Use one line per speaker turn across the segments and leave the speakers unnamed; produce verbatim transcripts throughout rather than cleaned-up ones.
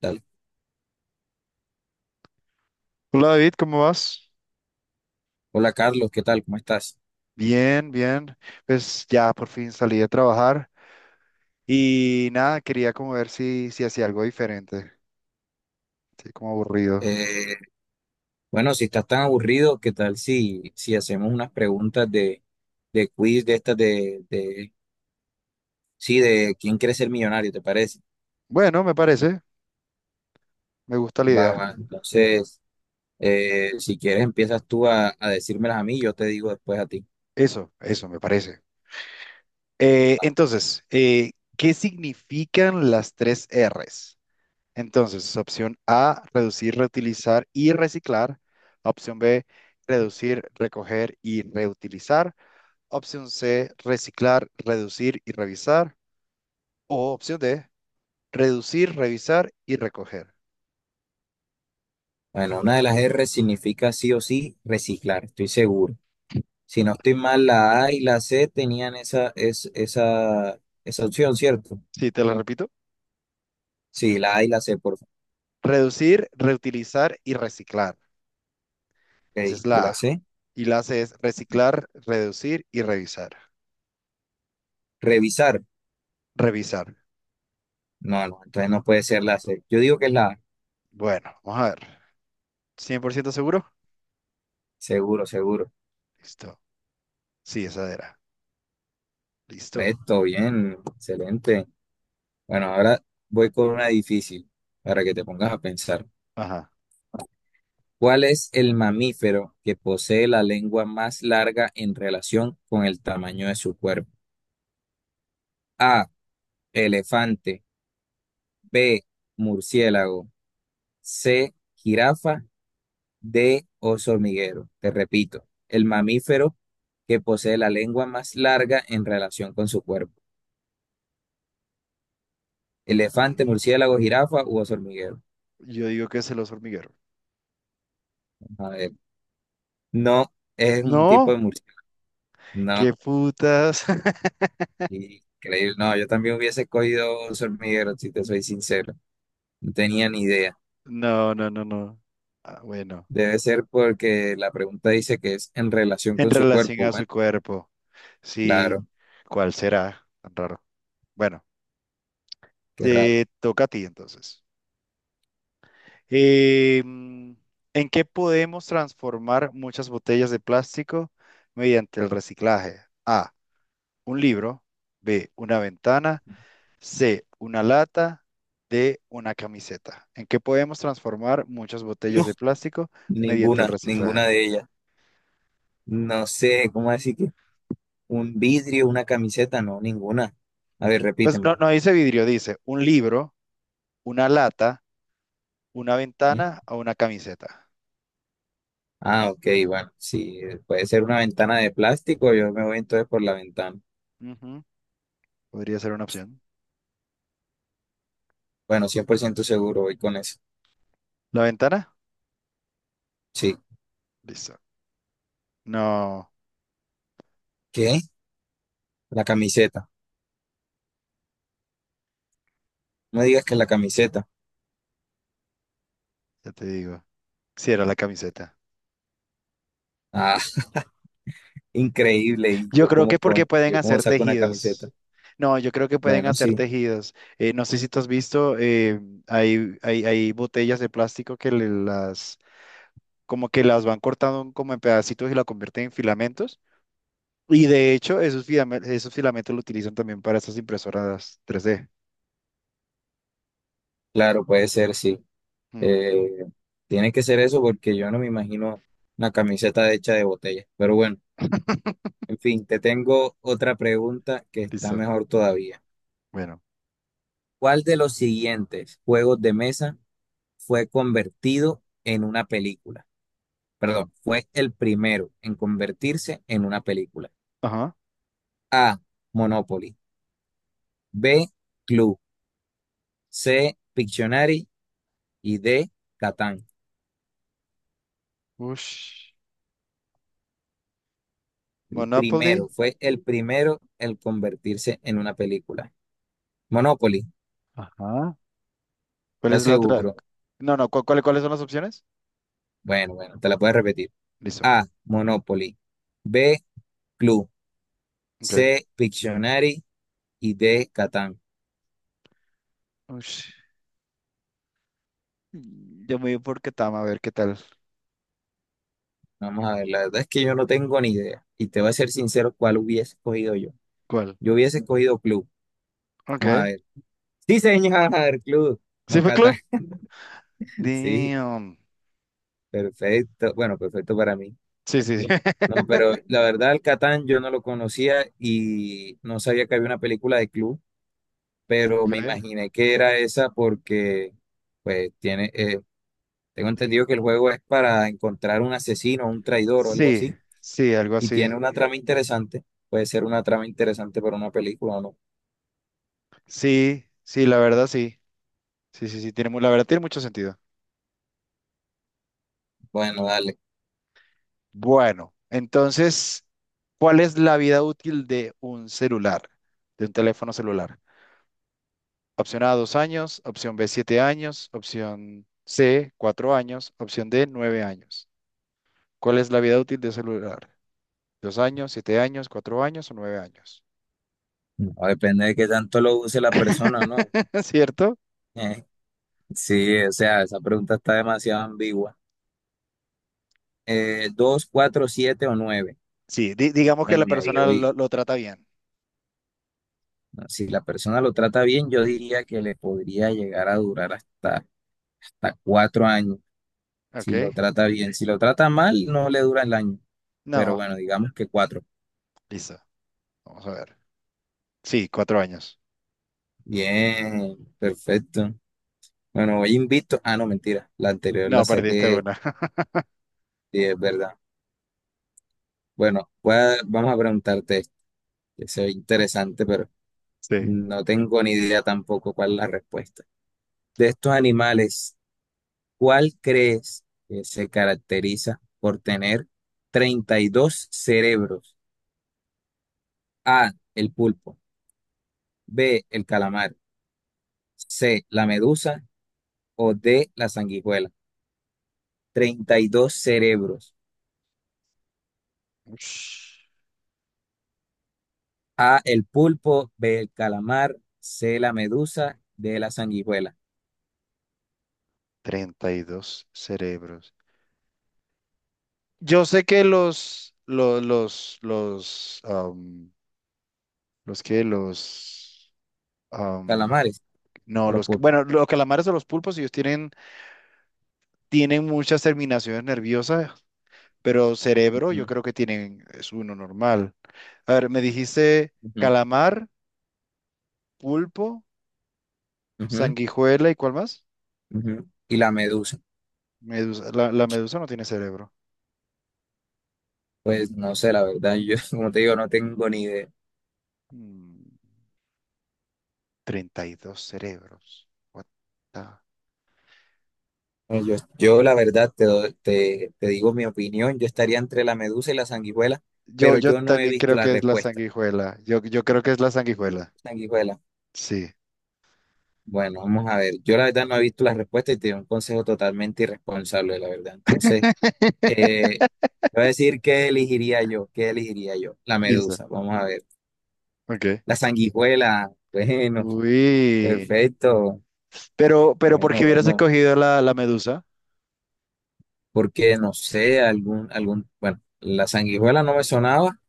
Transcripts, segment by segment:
Dale.
Hola David, ¿cómo vas?
Hola Carlos, ¿qué tal? ¿Cómo estás?
Bien, bien. Pues ya por fin salí de trabajar y nada, quería como ver si, si hacía algo diferente. Estoy como aburrido.
Eh, bueno, si estás tan aburrido, ¿qué tal si, si hacemos unas preguntas de, de quiz de estas de, de, sí, de quién quiere ser millonario? ¿Te parece?
Bueno, me parece, me gusta la
Va,
idea.
va. Entonces, eh, si quieres empiezas tú a, a decírmelas a mí, yo te digo después a ti.
Eso, eso, me parece. Eh, entonces, eh, ¿qué significan las tres R's? Entonces, opción A, reducir, reutilizar y reciclar. Opción B, reducir, recoger y reutilizar. Opción C, reciclar, reducir y revisar. O opción D, reducir, revisar y recoger.
Bueno, una de las R significa sí o sí reciclar, estoy seguro. Si no estoy mal, la A y la C tenían esa, es, esa, esa opción, ¿cierto?
Sí, te lo repito.
Sí, la A y la C, por favor.
Reducir, reutilizar y reciclar.
Ok,
Esa es
¿y
la
la
A.
C?
Y la C es reciclar, reducir y revisar.
Revisar.
Revisar.
No, no, entonces no puede ser la C. Yo digo que es la A.
Bueno, vamos a ver. ¿Cien por ciento seguro?
Seguro, seguro.
Listo. Sí, esa era. Listo.
Correcto, bien, excelente. Bueno, ahora voy con una difícil para que te pongas a pensar.
Ajá.
¿Cuál es el mamífero que posee la lengua más larga en relación con el tamaño de su cuerpo? A, elefante, B, murciélago, C, jirafa, D, oso hormiguero. Te repito, el mamífero que posee la lengua más larga en relación con su cuerpo. Elefante,
Mm,
murciélago, jirafa u oso hormiguero.
Yo digo que es el oso hormiguero.
A ver, no, es un tipo
No,
de murciélago. No,
qué putas.
increíble. No, yo también hubiese escogido oso hormiguero, si te soy sincero. No tenía ni idea.
No, no, no, no. Ah, bueno,
Debe ser porque la pregunta dice que es en relación
en
con su
relación
cuerpo.
a su
Bueno,
cuerpo. Sí,
claro,
¿cuál será? Tan raro. Bueno.
qué raro.
Te toca a ti entonces. Eh, mm, ¿En qué podemos transformar muchas botellas de plástico mediante el reciclaje? A, un libro; B, una ventana; C, una lata; D, una camiseta. ¿En qué podemos transformar muchas
No,
botellas de plástico mediante el
ninguna,
reciclaje?
ninguna de ellas. No sé, ¿cómo decir que un vidrio, una camiseta? No, ninguna. A ver,
Pues
repítemelo.
no, no dice vidrio, dice un libro, una lata, una
¿Mm?
ventana o una camiseta.
Ah, ok, bueno, si puede ser una ventana de plástico, yo me voy entonces por la ventana.
Ujú, podría ser una opción.
Bueno, cien por ciento seguro voy con eso.
¿La ventana?
Sí.
Listo. No.
¿Qué? La camiseta. No digas que la camiseta.
Ya te digo. Sí, era la camiseta.
Ah, increíble. Y
Yo
yo
creo que
como
porque
con,
pueden
yo como
hacer
saco una camiseta.
tejidos. No, yo creo que pueden
Bueno,
hacer
sí,
tejidos. Eh, no sé si tú has visto, eh, hay, hay, hay botellas de plástico que le- las, como que las van cortando como en pedacitos y la convierten en filamentos. Y de hecho, esos filamentos, esos filamentos lo utilizan también para esas impresoras tres d.
claro, puede ser, sí.
Hmm,
Eh, Tiene que ser eso porque yo no me imagino una camiseta hecha de botella. Pero bueno, en fin, te tengo otra pregunta que está
Listo.
mejor todavía.
Bueno.
¿Cuál de los siguientes juegos de mesa fue convertido en una película? Perdón, fue el primero en convertirse en una película.
Ajá.
A. Monopoly. B. Clue. C. Pictionary. Y D. Catán.
Ush.
El
Monopoly.
primero, fue el primero el convertirse en una película. Monopoly,
Ajá. ¿Cuál
¿estás
es la otra?
seguro?
No, no, ¿cu- ¿cuál, cuáles son las opciones?
Bueno, bueno, te la puedes repetir.
Listo.
A. Monopoly. B. Clue.
Ok.
C. Pictionary. Y D. Catán.
Ush, yo me voy por Ketama a ver qué tal.
Vamos a ver, la verdad es que yo no tengo ni idea. Y te voy a ser sincero, ¿cuál hubiese escogido yo?
¿Cuál?
Yo hubiese escogido Clue. Vamos a
Ok.
ver. Sí, señor, Clue.
¿Sí
No,
fue club?
Catán. Sí.
Damn.
Perfecto, bueno, perfecto para mí.
Sí, sí, sí.
No, pero la verdad, el Catán yo no lo conocía y no sabía que había una película de club, pero
Ok.
me imaginé que era esa porque, pues, tiene, eh, tengo entendido que el juego es para encontrar un asesino, un traidor o algo
Sí,
así,
sí, algo
y
así.
tiene una trama interesante. Puede ser una trama interesante para una película o no.
Sí, sí, la verdad sí. Sí, sí, sí, tiene, mu- la verdad tiene mucho sentido.
Bueno, dale.
Bueno, entonces, ¿cuál es la vida útil de un celular, de un teléfono celular? Opción A, dos años; opción B, siete años; opción C, cuatro años; opción D, nueve años. ¿Cuál es la vida útil de un celular? ¿Dos años, siete años, cuatro años o nueve años?
No, depende de qué tanto lo use la persona, ¿no?
¿Cierto?
Eh, sí, o sea, esa pregunta está demasiado ambigua. Eh, ¿dos, cuatro, siete o nueve?
Sí, di- digamos que la
Bueno, me
persona
voy.
lo, lo trata bien.
Si la persona lo trata bien, yo diría que le podría llegar a durar hasta, hasta cuatro años.
Ok.
Si lo trata bien, si lo trata mal, no le dura el año. Pero
No,
bueno, digamos que cuatro.
listo. Vamos a ver. Sí, cuatro años.
Bien, perfecto. Bueno, hoy invito. Ah, no, mentira. La anterior
No,
la
perdiste
saqué.
una.
Sí, es verdad. Bueno, voy a- vamos a preguntarte esto, que se ve interesante, pero
Sí.
no tengo ni idea tampoco cuál es la respuesta. De estos animales, ¿cuál crees que se caracteriza por tener treinta y dos cerebros? A, el pulpo, B, el calamar, C, la medusa o D, la sanguijuela. treinta y dos cerebros.
Ush,
A, el pulpo, B, el calamar, C, la medusa, D, la sanguijuela.
treinta y dos cerebros. Yo sé que los, los los, los, am, los que los, am,
Calamares
no,
o los
los que,
pulpos.
bueno, los calamares o los pulpos, ellos tienen, tienen muchas terminaciones nerviosas, pero cerebro yo
Ujú,
creo que tienen, es uno normal. A ver, me dijiste
ujú,
calamar, pulpo,
ujú,
sanguijuela y ¿cuál más?
ujú. Y la medusa.
Medusa. La, la medusa no tiene cerebro.
Pues no sé, la verdad, yo como te digo, no tengo ni idea.
Mm, treinta y dos cerebros. What the-.
Bueno, Yo, yo la verdad te, doy- te, te digo mi opinión, yo estaría entre la medusa y la sanguijuela,
Yo,
pero
yo
yo no he
también
visto
creo
la
que es la
respuesta.
sanguijuela. Yo, yo creo que es la sanguijuela.
Sanguijuela,
Sí.
bueno, vamos a ver, yo la verdad no he visto la respuesta y te doy un consejo totalmente irresponsable, la verdad. Entonces, eh, te voy a decir qué elegiría yo, qué elegiría yo, la
Listo.
medusa, vamos a ver.
Ok.
La sanguijuela, bueno,
Uy.
perfecto,
Pero, pero ¿por qué
bueno,
hubieras
bueno,
escogido la, la medusa?
porque no sé, algún, algún, bueno, la sanguijuela no me sonaba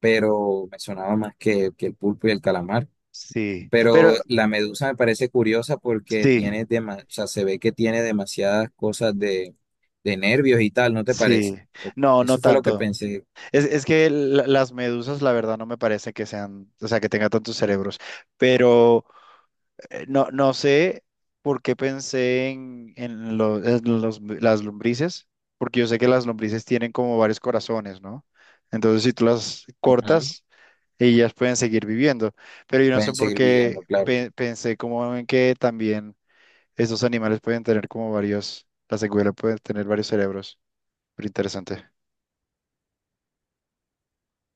pero me sonaba más que, que el pulpo y el calamar.
Sí. Pero,
Pero la medusa me parece curiosa porque
sí,
tiene dema- o sea, se ve que tiene demasiadas cosas de, de nervios y tal, ¿no te
sí.
parece?
No, no
Eso fue lo que
tanto.
pensé.
Es, es que la- las medusas, la verdad, no me parece que sean, o sea, que tengan tantos cerebros, pero eh, no, no sé por qué pensé en, en lo- en los- las lombrices, porque yo sé que las lombrices tienen como varios corazones, ¿no? Entonces, si tú las
Ujú.
cortas, ellas pueden seguir viviendo, pero yo no sé
Pueden
por
seguir
qué
viviendo, claro.
pe- pensé como en que también esos animales pueden tener como varios, la secuela puede tener varios cerebros, pero interesante.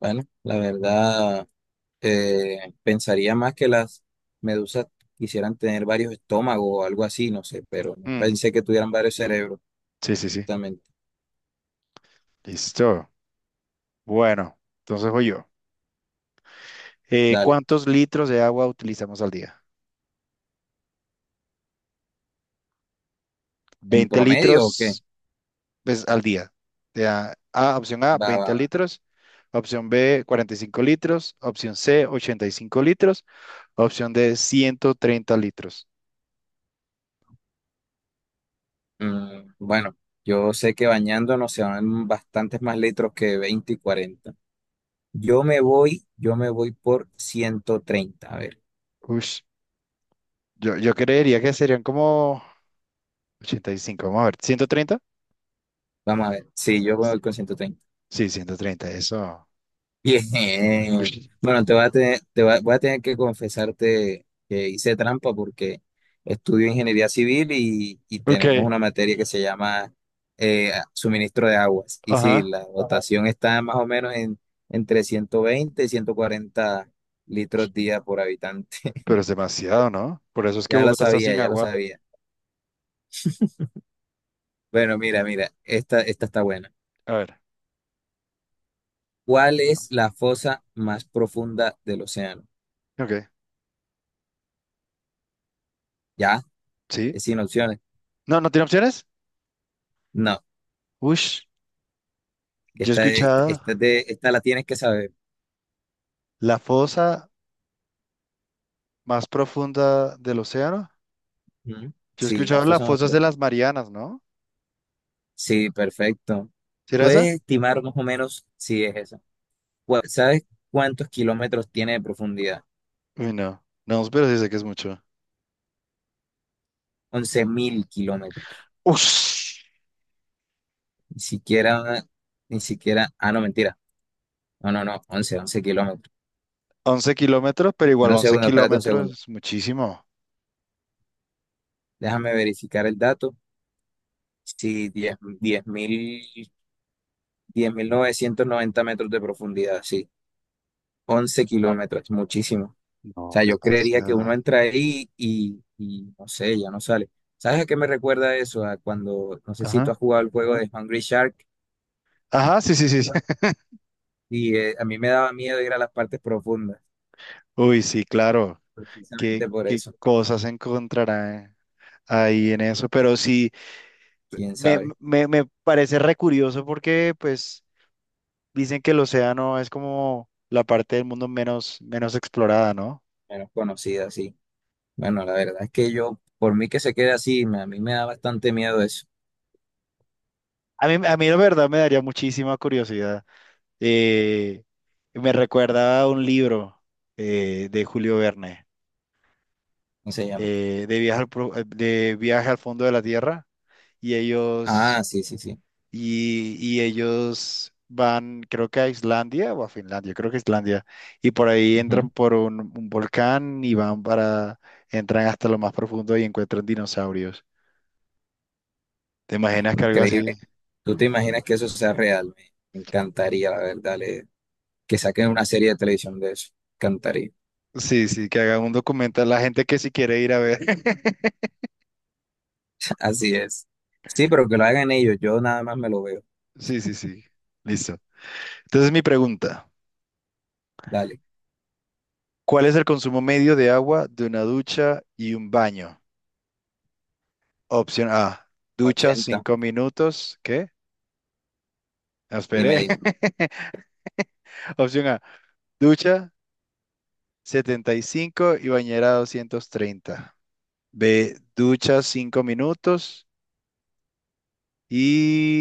Bueno, la verdad, eh, pensaría más que las medusas quisieran tener varios estómagos o algo así, no sé, pero no
Mm,
pensé que tuvieran varios cerebros,
sí, sí, sí,
justamente.
listo. Bueno, entonces voy yo. Eh,
Dale,
¿cuántos litros de agua utilizamos al día?
¿en
Veinte
promedio o qué?
litros pues, al día. O sea, A, opción A,
Va, va,
veinte
va.
litros. Opción B, cuarenta y cinco litros. Opción C, ochenta y cinco litros. Opción D, ciento treinta litros.
Mm, bueno, yo sé que bañándonos se van bastantes más litros que veinte y cuarenta. Yo me voy, yo me voy por ciento treinta. A ver,
Ush, yo, yo creería que serían como ochenta y cinco. Vamos a ver, ciento treinta.
vamos a ver. Sí, yo me voy con ciento treinta.
Sí, ciento treinta. Eso.
Bien.
Ush,
Bueno, te voy a tener, te voy a voy a tener que confesarte que hice trampa porque estudio ingeniería civil y, y
ok,
tenemos una materia que se llama eh, suministro de aguas. Y sí,
ajá.
la dotación está más o menos en, entre ciento veinte y ciento cuarenta litros día por habitante.
Pero es demasiado, ¿no? Por eso es que
Ya lo
Bogotá está
sabía,
sin
ya lo
agua.
sabía. Bueno, mira, mira, esta, esta está buena.
A ver.
¿Cuál es la fosa más profunda del océano?
Ok,
¿Ya?
sí.
¿Es sin opciones?
No, no tiene opciones.
No,
Ush, yo he
esta, es-
escuchado
esta, es de- esta la tienes que saber.
la fosa más profunda del océano.
Ujú.
Yo he
Sí, la
escuchado las
fosa más
fosas de
profunda.
las Marianas, ¿no?
Sí, perfecto.
¿Será esa?
¿Puedes estimar más o menos si es esa? Cu- ¿Sabes cuántos kilómetros tiene de profundidad?
Uy, no. No, pero sí sé que es mucho.
Once mil kilómetros.
Ush,
Ni siquiera, ni siquiera, ah, no, mentira. No, no, no, once once kilómetros.
once kilómetros, pero igual
Espera un
once
segundo, espérate un
kilómetros
segundo.
es muchísimo.
Déjame verificar el dato. Sí, diez diez diez mil diez mil novecientos noventa metros de profundidad, sí. Once kilómetros, es muchísimo. O
No,
sea, yo creería que
demasiado.
uno entra ahí y, y no sé, ya no sale. ¿Sabes a qué me recuerda eso? A cuando, no sé si tú
Ajá.
has jugado el juego de Hungry Shark
Ajá, sí, sí, sí. Sí.
y eh, a mí me daba miedo ir a las partes profundas,
Uy, sí, claro. ¿Qué,
precisamente por
qué
eso.
cosas encontrará ahí en eso? Pero sí,
¿Quién
me,
sabe?
me, me parece re curioso porque, pues. Dicen que el océano es como la parte del mundo menos, menos explorada, ¿no?
Menos conocida, sí. Bueno, la verdad es que yo, por mí que se quede así, me- a mí me da bastante miedo eso.
A mí, a mí la verdad me daría muchísima curiosidad. Eh, me recuerda a un libro, eh, de Julio Verne,
Cómo se llama.
eh, de viaje al, pro- eh, de viaje al fondo de la Tierra, y
Ah,
ellos,
sí, sí, sí.
y, y ellos van, creo que a Islandia o a Finlandia, creo que Islandia, y por ahí entran
Ujú.
por un, un volcán y van para, entran hasta lo más profundo y encuentran dinosaurios. ¿Te
Ah,
imaginas que algo así?
increíble. ¿Tú te imaginas que eso sea real? Me me encantaría, la verdad, le- que saquen una serie de televisión de eso. Encantaría.
Sí, sí, que hagan un documental la gente que si quiere ir a ver.
Así es. Sí, pero que lo hagan ellos. Yo nada más me lo veo.
Sí, sí, sí. Listo. Entonces mi pregunta,
Dale,
¿cuál es el consumo medio de agua de una ducha y un baño? Opción A, ducha
ochenta.
cinco minutos. ¿Qué? No,
Dime,
esperé.
dime.
Opción A, ducha setenta y cinco y bañera doscientos treinta. B, ducha cinco minutos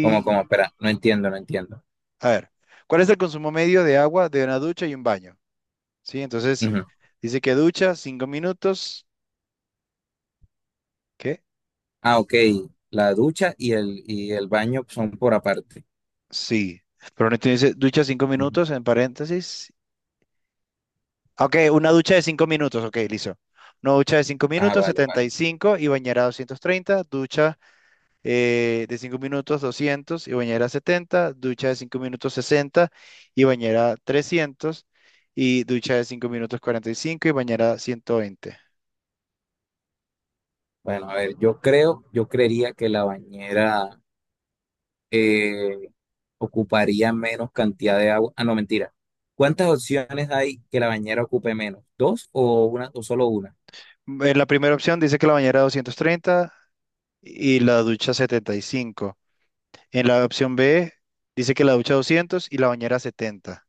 ¿Cómo, cómo? Espera, no entiendo, no entiendo.
A ver, ¿cuál es el consumo medio de agua de una ducha y un baño? Sí, entonces
Ujú.
dice que ducha cinco minutos. ¿Qué?
Ah, ok. La ducha y el, y el baño son por aparte.
Sí. Pero no te dice ducha cinco
Ujú.
minutos en paréntesis. Ah, ok, una ducha de cinco minutos. Ok, listo. Una ducha de cinco
Ah,
minutos,
vale,
setenta y
vale.
cinco y bañera doscientos treinta. Ducha eh, de cinco minutos, doscientos, y bañera setenta. Ducha de cinco minutos, sesenta y bañera trescientos. Y ducha de cinco minutos, cuarenta y cinco y bañera ciento veinte.
Bueno, a ver, yo creo, yo creería que la bañera, eh, ocuparía menos cantidad de agua. Ah, no, mentira. ¿Cuántas opciones hay que la bañera ocupe menos? ¿Dos o una o solo una?
En la primera opción dice que la bañera doscientos treinta y la ducha setenta y cinco. En la opción B dice que la ducha doscientos y la bañera setenta.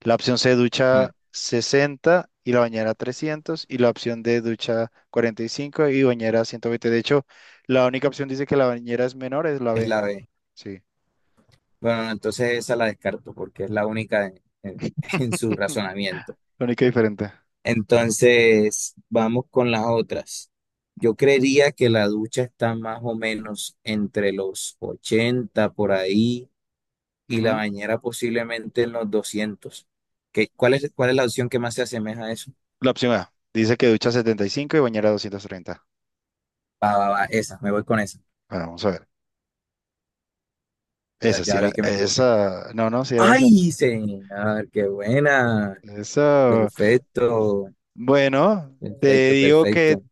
La opción C ducha
Mm,
sesenta y la bañera trescientos. Y la opción D ducha cuarenta y cinco y bañera ciento veinte. De hecho, la única opción dice que la bañera es menor, es la
es
B.
la B.
Sí,
Bueno, no, entonces esa la descarto porque es la única en, en- en su razonamiento.
la única diferente.
Entonces, vamos con las otras. Yo creería que la ducha está más o menos entre los ochenta por ahí y la
Ujú.
bañera posiblemente en los doscientos. ¿Qué, cuál es, cuál es la opción que más se asemeja a eso?
La opción A dice que ducha setenta y cinco y bañera doscientos treinta.
Va, va, va, esa, me voy con esa.
Bueno, vamos a ver.
Ya,
Esa sí
ya
era,
vi que me equivoqué.
esa, no, no, sí era esa.
¡Ay, señor! ¡Qué buena!
Esa,
Perfecto,
bueno, te
perfecto,
digo que
perfecto.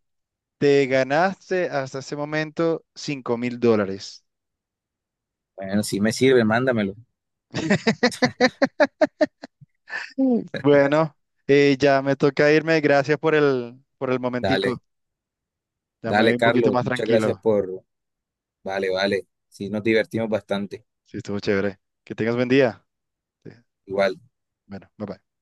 te ganaste hasta ese momento cinco mil dólares.
Bueno, sí me sirve, mándamelo.
Mm. Bueno, eh, ya me toca irme. Gracias por el, por el
Dale,
momentico. Ya me voy
dale,
un poquito
Carlos.
más
Muchas gracias
tranquilo.
por. Vale, vale. Sí, nos divertimos bastante.
Sí, estuvo chévere. Que tengas buen día. Sí.
Igual.
Bueno, bye bye.